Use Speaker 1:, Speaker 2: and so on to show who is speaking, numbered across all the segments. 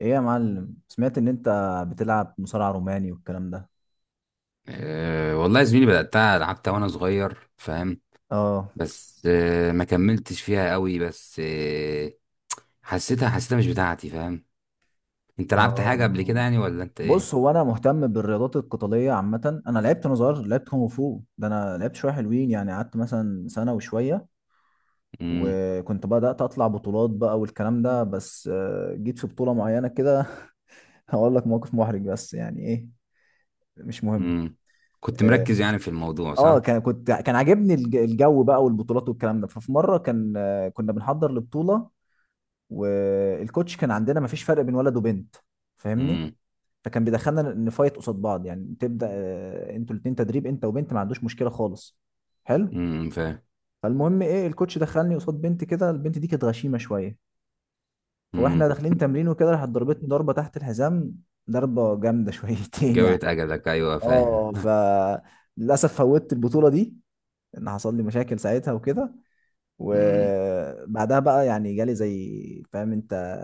Speaker 1: ايه يا معلم، سمعت ان انت بتلعب مصارع روماني والكلام ده؟
Speaker 2: أه والله يا زميلي بدأتها لعبتها وأنا صغير، فاهم؟
Speaker 1: اه،
Speaker 2: بس أه، ما كملتش فيها قوي، بس أه، حسيتها مش بتاعتي، فاهم؟ أنت لعبت حاجة قبل كده
Speaker 1: اه.
Speaker 2: يعني ولا أنت
Speaker 1: بص،
Speaker 2: إيه؟
Speaker 1: هو انا مهتم بالرياضات القتاليه عامه. انا لعبت وانا صغير، لعبت كونغ فو ده. انا لعبت شويه حلوين يعني، قعدت مثلا سنه وشويه،
Speaker 2: مم.
Speaker 1: وكنت بدات اطلع بطولات بقى والكلام ده. بس جيت في بطوله معينه كده. هقول لك موقف محرج، بس يعني ايه، مش مهم.
Speaker 2: مم. كنت
Speaker 1: اه،
Speaker 2: مركز يعني في الموضوع،
Speaker 1: آه،
Speaker 2: صح؟
Speaker 1: كان كنت كان عاجبني الجو بقى والبطولات والكلام ده. ففي مره كان، كنا بنحضر لبطوله. والكوتش كان عندنا ما فيش فرق بين ولد وبنت، فاهمني؟
Speaker 2: مم.
Speaker 1: فكان بيدخلنا نفايت قصاد بعض. يعني تبدا، انتوا الاثنين تدريب، انت وبنت، ما عندوش مشكله خالص. حلو.
Speaker 2: مم. فاهم.
Speaker 1: فالمهم ايه، الكوتش دخلني قصاد بنت كده. البنت دي كانت غشيمه شويه،
Speaker 2: مم.
Speaker 1: فواحنا داخلين تمرين وكده، راحت ضربتني ضربه تحت الحزام. ضربه جامده شويتين يعني.
Speaker 2: جويت أجلك، أيوه فاهم.
Speaker 1: اه، للاسف فوتت البطوله دي، ان حصل لي مشاكل ساعتها وكده.
Speaker 2: مم.
Speaker 1: وبعدها بقى يعني جالي زي فاهم انت.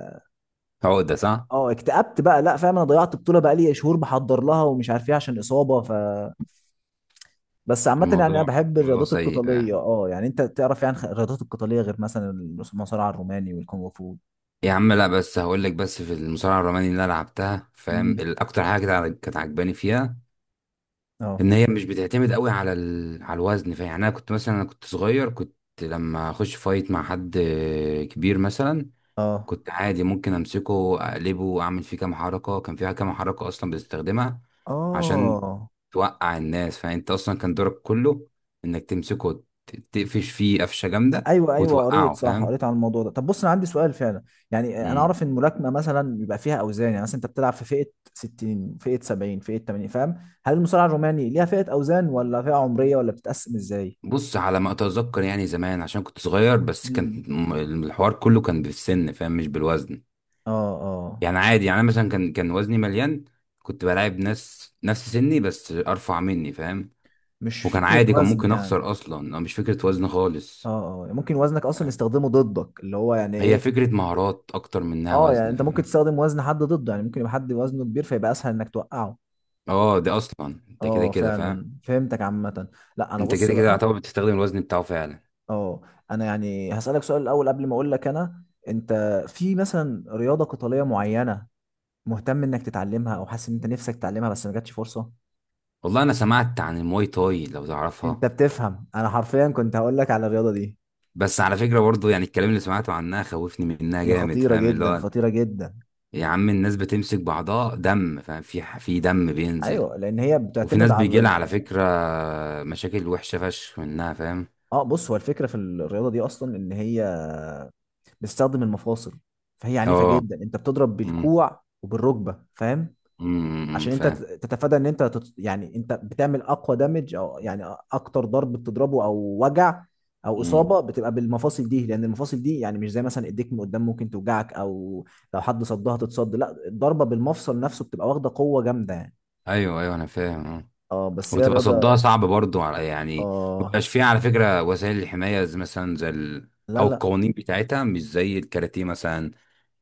Speaker 2: عقدة، صح؟
Speaker 1: اه، اكتئبت بقى، لا فاهم، انا ضيعت بطوله بقى لي شهور بحضر لها ومش عارف ايه عشان اصابه. بس عامه يعني انا
Speaker 2: الموضوع
Speaker 1: بحب
Speaker 2: الموضوع
Speaker 1: الرياضات
Speaker 2: سيء
Speaker 1: القتاليه.
Speaker 2: يعني.
Speaker 1: اه يعني انت تعرف يعني، الرياضات القتاليه غير مثلا المصارعه الروماني والكونغ فو.
Speaker 2: يا عم لا، بس هقول لك، بس في المصارعة الروماني اللي أنا لعبتها، فاهم؟
Speaker 1: امم.
Speaker 2: الأكتر حاجة كانت عاجباني فيها
Speaker 1: اه،
Speaker 2: ان هي مش بتعتمد قوي على على الوزن. فيعني انا كنت مثلا، انا كنت صغير، كنت لما اخش فايت مع حد كبير مثلا،
Speaker 1: اه،
Speaker 2: كنت عادي ممكن امسكه، اقلبه، اعمل فيه كام حركه. كان فيها كام حركه اصلا بتستخدمها عشان
Speaker 1: اه.
Speaker 2: توقع الناس، فانت اصلا كان دورك كله انك تمسكه تقفش فيه قفشه جامده
Speaker 1: ايوه ايوه، قريت
Speaker 2: وتوقعه،
Speaker 1: صح،
Speaker 2: فاهم؟
Speaker 1: قريت عن الموضوع ده. طب بص، انا عندي سؤال فعلا. يعني انا
Speaker 2: مم.
Speaker 1: اعرف ان الملاكمه مثلا بيبقى فيها اوزان. يعني مثلا انت بتلعب في فئه 60، فئه 70، فئه 80، فاهم؟ هل المصارعه الروماني ليها فئه اوزان ولا فئه عمريه ولا بتتقسم ازاي؟
Speaker 2: بص، على ما اتذكر يعني زمان، عشان كنت صغير، بس كان
Speaker 1: امم،
Speaker 2: الحوار كله كان بالسن، فاهم؟ مش بالوزن.
Speaker 1: اه، اه.
Speaker 2: يعني عادي، يعني انا مثلا كان وزني مليان، كنت بلاعب ناس نفس سني بس ارفع مني، فاهم؟
Speaker 1: مش
Speaker 2: وكان
Speaker 1: فكرة
Speaker 2: عادي، كان
Speaker 1: وزن
Speaker 2: ممكن
Speaker 1: يعني.
Speaker 2: اخسر اصلا. أو مش فكره وزن
Speaker 1: اه،
Speaker 2: خالص.
Speaker 1: اه. ممكن وزنك اصلا
Speaker 2: فاهم؟
Speaker 1: يستخدمه ضدك، اللي هو يعني
Speaker 2: هي
Speaker 1: ايه؟
Speaker 2: فكره مهارات اكتر منها
Speaker 1: اه يعني
Speaker 2: وزن،
Speaker 1: انت ممكن
Speaker 2: فاهم؟
Speaker 1: تستخدم وزن حد ضده. يعني ممكن يبقى حد وزنه كبير، فيبقى اسهل انك توقعه.
Speaker 2: اه ده اصلا انت كده
Speaker 1: اه،
Speaker 2: كده، فاهم؟
Speaker 1: فعلا فهمتك عامة. لا انا
Speaker 2: انت
Speaker 1: بص
Speaker 2: كده كده
Speaker 1: بقى،
Speaker 2: يعتبر بتستخدم الوزن بتاعه فعلا.
Speaker 1: اه انا يعني هسألك سؤال الاول قبل ما اقول لك انا. انت في مثلا رياضة قتالية معينة مهتم انك تتعلمها او حاسس ان انت نفسك تتعلمها بس ما جاتش فرصة؟
Speaker 2: والله انا سمعت عن المواي تاي، لو
Speaker 1: انت
Speaker 2: تعرفها.
Speaker 1: بتفهم! انا حرفيا كنت هقول لك على الرياضة دي.
Speaker 2: بس على فكره برضو، يعني الكلام اللي سمعته عنها خوفني منها
Speaker 1: هي
Speaker 2: جامد،
Speaker 1: خطيرة
Speaker 2: فاهم؟ اللي
Speaker 1: جدا،
Speaker 2: هو
Speaker 1: خطيرة جدا.
Speaker 2: يا عم الناس بتمسك بعضها دم، فاهم؟ في دم بينزل.
Speaker 1: ايوه، لان هي
Speaker 2: وفي
Speaker 1: بتعتمد
Speaker 2: ناس بيجي
Speaker 1: على...
Speaker 2: لها على فكرة مشاكل وحشة فشخ منها، فاهم؟
Speaker 1: اه بص، هو الفكره في الرياضه دي اصلا ان هي بتستخدم المفاصل. فهي عنيفه
Speaker 2: اه.
Speaker 1: جدا، انت بتضرب
Speaker 2: أمم،
Speaker 1: بالكوع وبالركبه، فاهم؟
Speaker 2: أمم، أمم،
Speaker 1: عشان انت
Speaker 2: فاهم.
Speaker 1: تتفادى ان انت يعني انت بتعمل اقوى دامج، او يعني اكتر ضرب بتضربه، او وجع، او
Speaker 2: أمم.
Speaker 1: اصابه بتبقى بالمفاصل دي. لان المفاصل دي يعني مش زي مثلا ايديك من قدام، ممكن توجعك، او لو حد صدها تتصد. لا، الضربه بالمفصل نفسه بتبقى واخده قوه جامده يعني.
Speaker 2: ايوه ايوه، انا فاهم أه.
Speaker 1: اه، بس هي
Speaker 2: وتبقى صدها
Speaker 1: الرياضه.
Speaker 2: صعب برضو على، يعني
Speaker 1: اه،
Speaker 2: مبيبقاش فيها على فكرة وسائل الحماية زي مثلا زي
Speaker 1: لا
Speaker 2: او
Speaker 1: لا،
Speaker 2: القوانين بتاعتها مش زي الكاراتيه مثلا،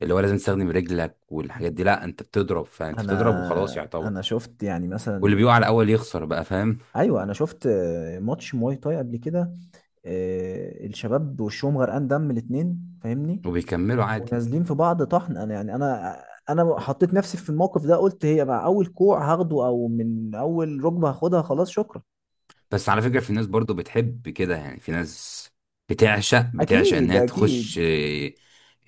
Speaker 2: اللي هو لازم تستخدم رجلك والحاجات دي. لا انت بتضرب، فانت بتضرب وخلاص
Speaker 1: انا
Speaker 2: يعتبر.
Speaker 1: انا شفت يعني
Speaker 2: واللي
Speaker 1: مثلا...
Speaker 2: بيقع الاول يخسر بقى، فاهم؟
Speaker 1: ايوه، انا شفت ماتش مواي تاي قبل كده. الشباب وشهم غرقان دم، الاتنين فاهمني؟
Speaker 2: وبيكملوا عادي.
Speaker 1: ونازلين في بعض طحن. انا يعني، انا حطيت نفسي في الموقف ده، قلت هي مع اول كوع هاخده، او من اول ركبه هاخدها. خلاص، شكرا.
Speaker 2: بس على فكرة في ناس برضو بتحب كده، يعني في ناس بتعشق
Speaker 1: اكيد
Speaker 2: انها تخش
Speaker 1: اكيد.
Speaker 2: آه،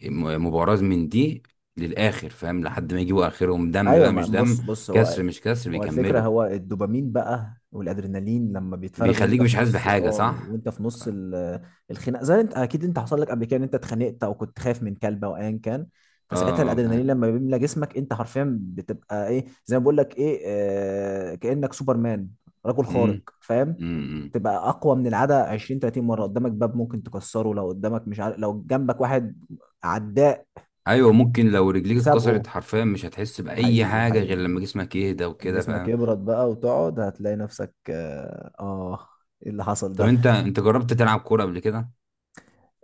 Speaker 2: م- مباراة من دي للآخر، فاهم؟ لحد ما يجيبوا آخرهم دم
Speaker 1: ايوه،
Speaker 2: بقى، مش دم،
Speaker 1: بص بص،
Speaker 2: كسر
Speaker 1: هو
Speaker 2: مش كسر،
Speaker 1: هو الفكرة.
Speaker 2: بيكملوا.
Speaker 1: هو الدوبامين بقى والادرينالين لما بيتفرز
Speaker 2: بيخليك
Speaker 1: وانت في
Speaker 2: مش حاسس
Speaker 1: نص،
Speaker 2: بحاجة، صح؟
Speaker 1: وانت في نص الخناق. زي، انت اكيد انت حصل لك قبل كده ان انت اتخانقت او كنت خايف من كلب او ايا كان.
Speaker 2: اه
Speaker 1: فساعتها
Speaker 2: اه فاهم.
Speaker 1: الادرينالين لما بيملى جسمك، انت حرفيا بتبقى ايه زي ما بقول لك ايه، كأنك سوبرمان، رجل خارق
Speaker 2: مم،
Speaker 1: فاهم؟
Speaker 2: مم.
Speaker 1: تبقى اقوى من العاده 20، 30 مره. قدامك باب ممكن تكسره، لو قدامك مش عارف، لو جنبك واحد عداء
Speaker 2: ايوه ممكن لو رجليك
Speaker 1: تسابقه.
Speaker 2: اتكسرت حرفيا مش هتحس بأي
Speaker 1: حقيقي،
Speaker 2: حاجة غير
Speaker 1: حقيقي.
Speaker 2: لما جسمك يهدى
Speaker 1: لما
Speaker 2: وكده،
Speaker 1: جسمك
Speaker 2: فاهم؟
Speaker 1: يبرد بقى وتقعد، هتلاقي نفسك، ايه اللي حصل
Speaker 2: طب
Speaker 1: ده.
Speaker 2: انت جربت تلعب كورة قبل كده؟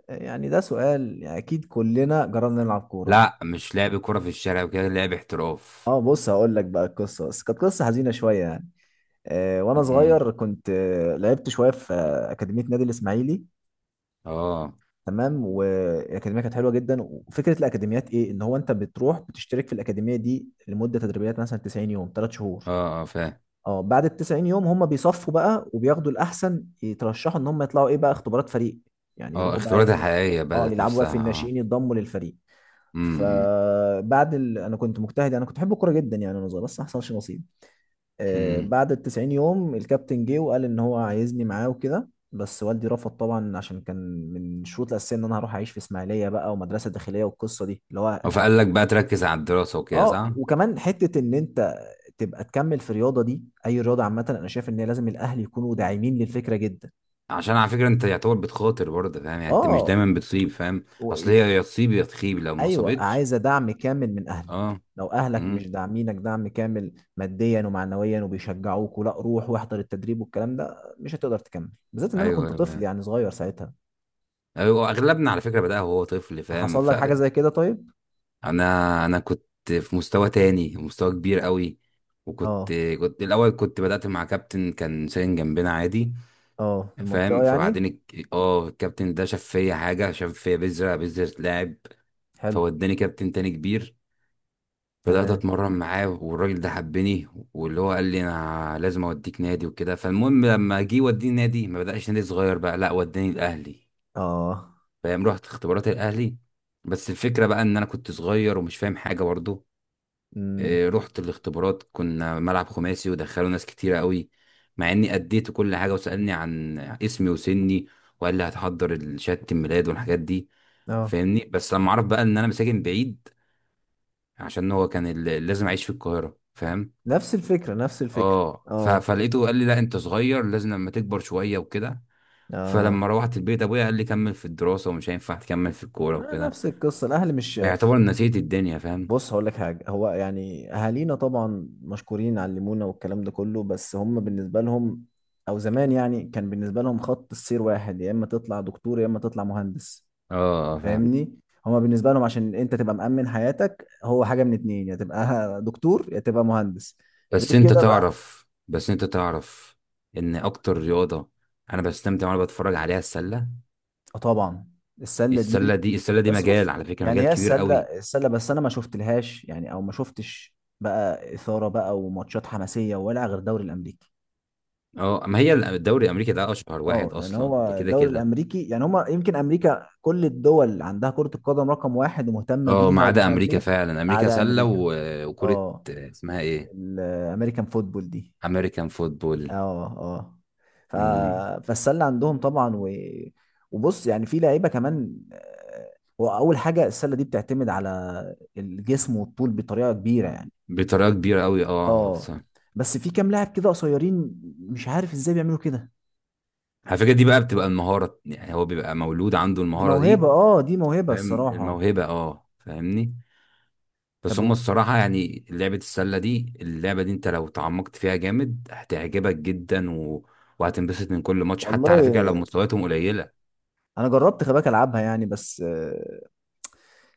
Speaker 1: يعني ده سؤال، يعني اكيد كلنا جربنا نلعب كورة.
Speaker 2: لا، مش لعب كورة في الشارع وكده، لعب احتراف.
Speaker 1: اه، بص هقول لك بقى القصة، بس كانت قصة حزينة شوية يعني. وانا
Speaker 2: مم.
Speaker 1: صغير كنت لعبت شوية في أكاديمية نادي الإسماعيلي.
Speaker 2: اه
Speaker 1: تمام، والأكاديمية كانت حلوة جدا. وفكرة الأكاديميات ايه، ان هو انت بتروح بتشترك في الأكاديمية دي لمدة تدريبيات، مثلا 90 يوم، 3 شهور.
Speaker 2: اه اه فاهم.
Speaker 1: اه، بعد ال 90 يوم هم بيصفوا بقى، وبياخدوا الاحسن يترشحوا ان هم يطلعوا ايه بقى، اختبارات فريق. يعني
Speaker 2: اه
Speaker 1: يروحوا بقى
Speaker 2: اختبارات
Speaker 1: إيه؟
Speaker 2: الحقيقية
Speaker 1: اه،
Speaker 2: بدأت
Speaker 1: يلعبوا بقى في
Speaker 2: نفسها اه.
Speaker 1: الناشئين، يتضموا للفريق.
Speaker 2: امم.
Speaker 1: فبعد انا كنت مجتهد، انا كنت بحب الكوره جدا يعني وانا صغير، بس ما حصلش نصيب.
Speaker 2: امم.
Speaker 1: بعد ال 90 يوم الكابتن جه وقال ان هو عايزني معاه وكده. بس والدي رفض طبعا، عشان كان من الشروط الاساسيه ان انا هروح اعيش في اسماعيليه بقى ومدرسه داخليه، والقصه دي اللي هو...
Speaker 2: فقال لك بقى تركز على الدراسة وكده،
Speaker 1: اه
Speaker 2: صح؟
Speaker 1: وكمان حته ان انت تبقى تكمل في الرياضه دي. اي رياضه عامه، انا شايف ان هي لازم الاهل يكونوا داعمين للفكره جدا.
Speaker 2: عشان على فكرة انت يعتبر بتخاطر برضه، فاهم؟ يعني انت مش
Speaker 1: اه،
Speaker 2: دايما بتصيب، فاهم؟
Speaker 1: و...
Speaker 2: اصل
Speaker 1: إيه،
Speaker 2: هي يا تصيب يا تخيب، لو ما
Speaker 1: ايوه،
Speaker 2: صابتش.
Speaker 1: عايزه دعم كامل من اهلك.
Speaker 2: اه.
Speaker 1: لو اهلك
Speaker 2: امم.
Speaker 1: مش داعمينك دعم كامل ماديا ومعنويا، وبيشجعوك ولا روح واحضر التدريب والكلام ده، مش هتقدر تكمل، بالذات ان انا
Speaker 2: ايوه
Speaker 1: كنت
Speaker 2: أنا
Speaker 1: طفل
Speaker 2: فاهم.
Speaker 1: يعني صغير ساعتها.
Speaker 2: ايوه اغلبنا على فكرة بدأ وهو طفل، فاهم؟
Speaker 1: حصل لك حاجه
Speaker 2: فانا
Speaker 1: زي كده؟ طيب.
Speaker 2: انا كنت في مستوى تاني، مستوى كبير قوي. وكنت
Speaker 1: اه،
Speaker 2: كنت الاول، كنت بدأت مع كابتن كان ساكن جنبنا عادي،
Speaker 1: اه، في المنطقه
Speaker 2: فاهم؟
Speaker 1: يعني.
Speaker 2: فبعدين الكابتن ده شاف فيا حاجه، شاف فيا بذره، بذره لاعب.
Speaker 1: حلو.
Speaker 2: فوداني كابتن تاني كبير. بدات
Speaker 1: تمام.
Speaker 2: اتمرن معاه والراجل ده حبني، واللي هو قال لي انا لازم اوديك نادي وكده. فالمهم لما جه يوديني نادي ما بداش نادي صغير بقى، لا وداني الاهلي،
Speaker 1: اه.
Speaker 2: فاهم؟ رحت اختبارات الاهلي، بس الفكره بقى ان انا كنت صغير ومش فاهم حاجه برضه.
Speaker 1: امم.
Speaker 2: آه، رحت الاختبارات، كنا ملعب خماسي ودخلوا ناس كتيرة قوي، مع اني اديت كل حاجة. وسألني عن اسمي وسني وقال لي هتحضر شهادة الميلاد والحاجات دي،
Speaker 1: اه.
Speaker 2: فاهمني؟ بس لما عرف بقى ان انا مساكن بعيد، عشان هو كان لازم اعيش في القاهرة، فاهم؟
Speaker 1: نفس الفكره، نفس الفكره.
Speaker 2: اه
Speaker 1: اه،
Speaker 2: فلقيته قال لي لا انت صغير، لازم لما تكبر شوية وكده.
Speaker 1: اه.
Speaker 2: فلما روحت البيت ابويا قال لي كمل في الدراسة ومش هينفع تكمل في الكورة
Speaker 1: ما
Speaker 2: وكده.
Speaker 1: نفس القصة، الأهل مش...
Speaker 2: فيعتبر نسيت الدنيا، فاهم؟
Speaker 1: بص هقول لك حاجة، هو يعني أهالينا طبعا مشكورين علمونا والكلام ده كله، بس هم بالنسبة لهم، أو زمان يعني، كان بالنسبة لهم خط السير واحد، يا إما تطلع دكتور يا إما تطلع مهندس،
Speaker 2: اه آه، فاهم.
Speaker 1: فاهمني؟ هما بالنسبة لهم عشان أنت تبقى مأمن حياتك، هو حاجة من اتنين، يا تبقى دكتور يا تبقى مهندس. غير
Speaker 2: بس انت
Speaker 1: كده بقى...
Speaker 2: تعرف بس انت تعرف ان اكتر رياضة انا بستمتع وانا بتفرج عليها السلة.
Speaker 1: آه طبعا. السلة دي...
Speaker 2: السلة دي
Speaker 1: بس
Speaker 2: مجال،
Speaker 1: بص
Speaker 2: على فكرة
Speaker 1: يعني،
Speaker 2: مجال
Speaker 1: هي
Speaker 2: كبير
Speaker 1: السله.
Speaker 2: قوي.
Speaker 1: السله، بس انا ما شفت لهاش يعني، او ما شفتش بقى اثاره بقى وماتشات حماسيه ولا غير الدوري الامريكي.
Speaker 2: اه ما هي الدوري الامريكي ده اشهر
Speaker 1: اه،
Speaker 2: واحد
Speaker 1: يعني
Speaker 2: اصلا، ده
Speaker 1: هو
Speaker 2: كده
Speaker 1: الدوري
Speaker 2: كده.
Speaker 1: الامريكي يعني، هما يمكن امريكا... كل الدول عندها كره القدم رقم واحد ومهتمه
Speaker 2: اه ما
Speaker 1: بيها
Speaker 2: عدا
Speaker 1: ومش عارف
Speaker 2: امريكا،
Speaker 1: ايه،
Speaker 2: فعلا
Speaker 1: ما
Speaker 2: امريكا
Speaker 1: عدا
Speaker 2: سلة
Speaker 1: امريكا.
Speaker 2: وكرة.
Speaker 1: اه،
Speaker 2: اسمها ايه؟
Speaker 1: الامريكان فوتبول دي.
Speaker 2: امريكان فوتبول.
Speaker 1: اه، اه. ف...
Speaker 2: امم،
Speaker 1: فالسله عندهم طبعا وبص يعني في لعيبه كمان. هو اول حاجه السله دي بتعتمد على الجسم والطول بطريقه كبيره يعني.
Speaker 2: بطريقة كبيرة قوي اه
Speaker 1: اه،
Speaker 2: صح.
Speaker 1: بس في كام لاعب كده قصيرين، مش عارف ازاي بيعملوا كده.
Speaker 2: على فكرة دي بقى بتبقى المهارة، يعني هو بيبقى مولود عنده
Speaker 1: دي
Speaker 2: المهارة
Speaker 1: موهبه،
Speaker 2: دي،
Speaker 1: دي موهبه
Speaker 2: فاهم؟
Speaker 1: الصراحه.
Speaker 2: الموهبة اه، فاهمني؟ بس
Speaker 1: طب
Speaker 2: هم الصراحة يعني لعبة السلة دي، اللعبة دي انت لو تعمقت فيها جامد هتعجبك جدا، وهتنبسط من كل ماتش حتى على فكرة لو
Speaker 1: والله،
Speaker 2: مستوياتهم قليلة.
Speaker 1: انا جربت خباك العبها يعني، بس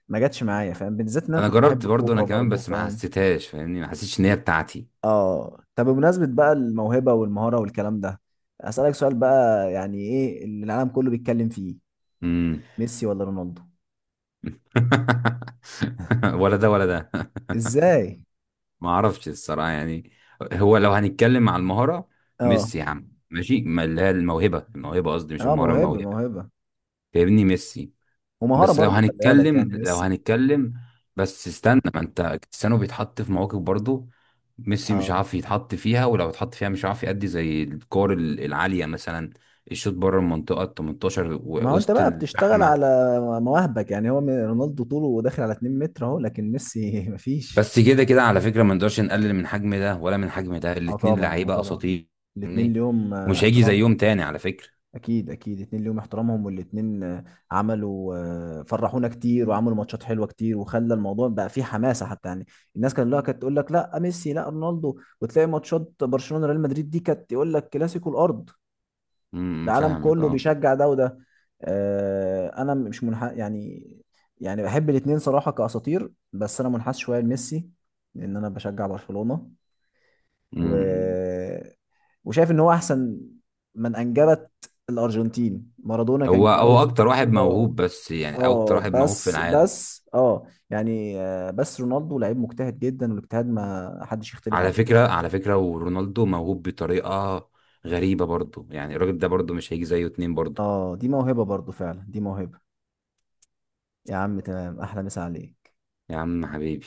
Speaker 1: ما جاتش معايا فاهم، بالذات ان انا
Speaker 2: انا
Speaker 1: كنت بحب
Speaker 2: جربت برضو انا
Speaker 1: الكوره
Speaker 2: كمان،
Speaker 1: برضه
Speaker 2: بس ما
Speaker 1: فاهم؟
Speaker 2: حسيتهاش، فاهمني؟ ما حسيتش ان هي بتاعتي.
Speaker 1: اه، طب بمناسبة بقى الموهبة والمهارة والكلام ده، أسألك سؤال بقى. يعني ايه اللي العالم كله بيتكلم فيه،
Speaker 2: امم.
Speaker 1: ميسي ولا رونالدو؟
Speaker 2: ولا ده ولا ده.
Speaker 1: ازاي؟
Speaker 2: ما اعرفش الصراحة يعني. هو لو هنتكلم على المهارة،
Speaker 1: اه،
Speaker 2: ميسي يا عم ماشي. ما اللي هي الموهبة، الموهبة قصدي مش
Speaker 1: اه،
Speaker 2: المهارة،
Speaker 1: موهبة
Speaker 2: الموهبة،
Speaker 1: موهبة
Speaker 2: فاهمني؟ ميسي.
Speaker 1: ومهارة
Speaker 2: بس لو
Speaker 1: برضو، خلي بالك،
Speaker 2: هنتكلم
Speaker 1: يعني
Speaker 2: لو
Speaker 1: ميسي...
Speaker 2: هنتكلم بس استنى، ما انت كريستيانو بيتحط في مواقف برضه، ميسي مش
Speaker 1: اه،
Speaker 2: عارف يتحط فيها، ولو اتحط فيها مش عارف يأدي زي الكور العالية مثلا، الشوط بره المنطقة ال 18
Speaker 1: ما هو انت
Speaker 2: وسط
Speaker 1: بقى بتشتغل
Speaker 2: الزحمة.
Speaker 1: على مواهبك يعني. هو رونالدو طوله داخل على 2 متر اهو، لكن ميسي مفيش.
Speaker 2: بس كده كده على فكرة ما نقدرش نقلل من حجم ده ولا من حجم ده،
Speaker 1: اه
Speaker 2: الاتنين
Speaker 1: طبعا، اه
Speaker 2: لعيبة
Speaker 1: طبعا.
Speaker 2: أساطير،
Speaker 1: الاتنين
Speaker 2: فاهمني؟
Speaker 1: ليهم
Speaker 2: ومش هيجي
Speaker 1: احترامهم.
Speaker 2: زيهم تاني على فكرة.
Speaker 1: اكيد اكيد، اتنين ليهم احترامهم. والاتنين عملوا، فرحونا كتير وعملوا ماتشات حلوه كتير، وخلى الموضوع بقى فيه حماسه حتى يعني. الناس كانت، لا، كانت تقول لك لا ميسي لا رونالدو، وتلاقي ماتشات برشلونه ريال مدريد دي كانت يقول لك كلاسيكو الارض. العالم
Speaker 2: فاهمك
Speaker 1: كله
Speaker 2: اه.
Speaker 1: بيشجع ده وده. انا مش منح يعني. يعني بحب الاتنين صراحه كاساطير، بس انا منحاز شويه لميسي، لان انا بشجع برشلونه، و
Speaker 2: امم.
Speaker 1: وشايف ان هو احسن من انجبت الارجنتين. مارادونا كان
Speaker 2: هو
Speaker 1: كويس
Speaker 2: أكتر واحد
Speaker 1: واسطوره.
Speaker 2: موهوب، بس يعني أكتر
Speaker 1: اه،
Speaker 2: واحد موهوب في
Speaker 1: بس
Speaker 2: العالم.
Speaker 1: بس يعني بس رونالدو لعيب مجتهد جدا، والاجتهاد ما حدش يختلف
Speaker 2: على
Speaker 1: عليه.
Speaker 2: فكرة على فكرة ورونالدو موهوب بطريقة غريبة برضه، يعني الراجل ده برضه مش هيجي زيه اتنين برضه.
Speaker 1: اه، دي موهبه برضو فعلا، دي موهبه. يا عم تمام، احلى مسا عليك.
Speaker 2: يا عم حبيبي.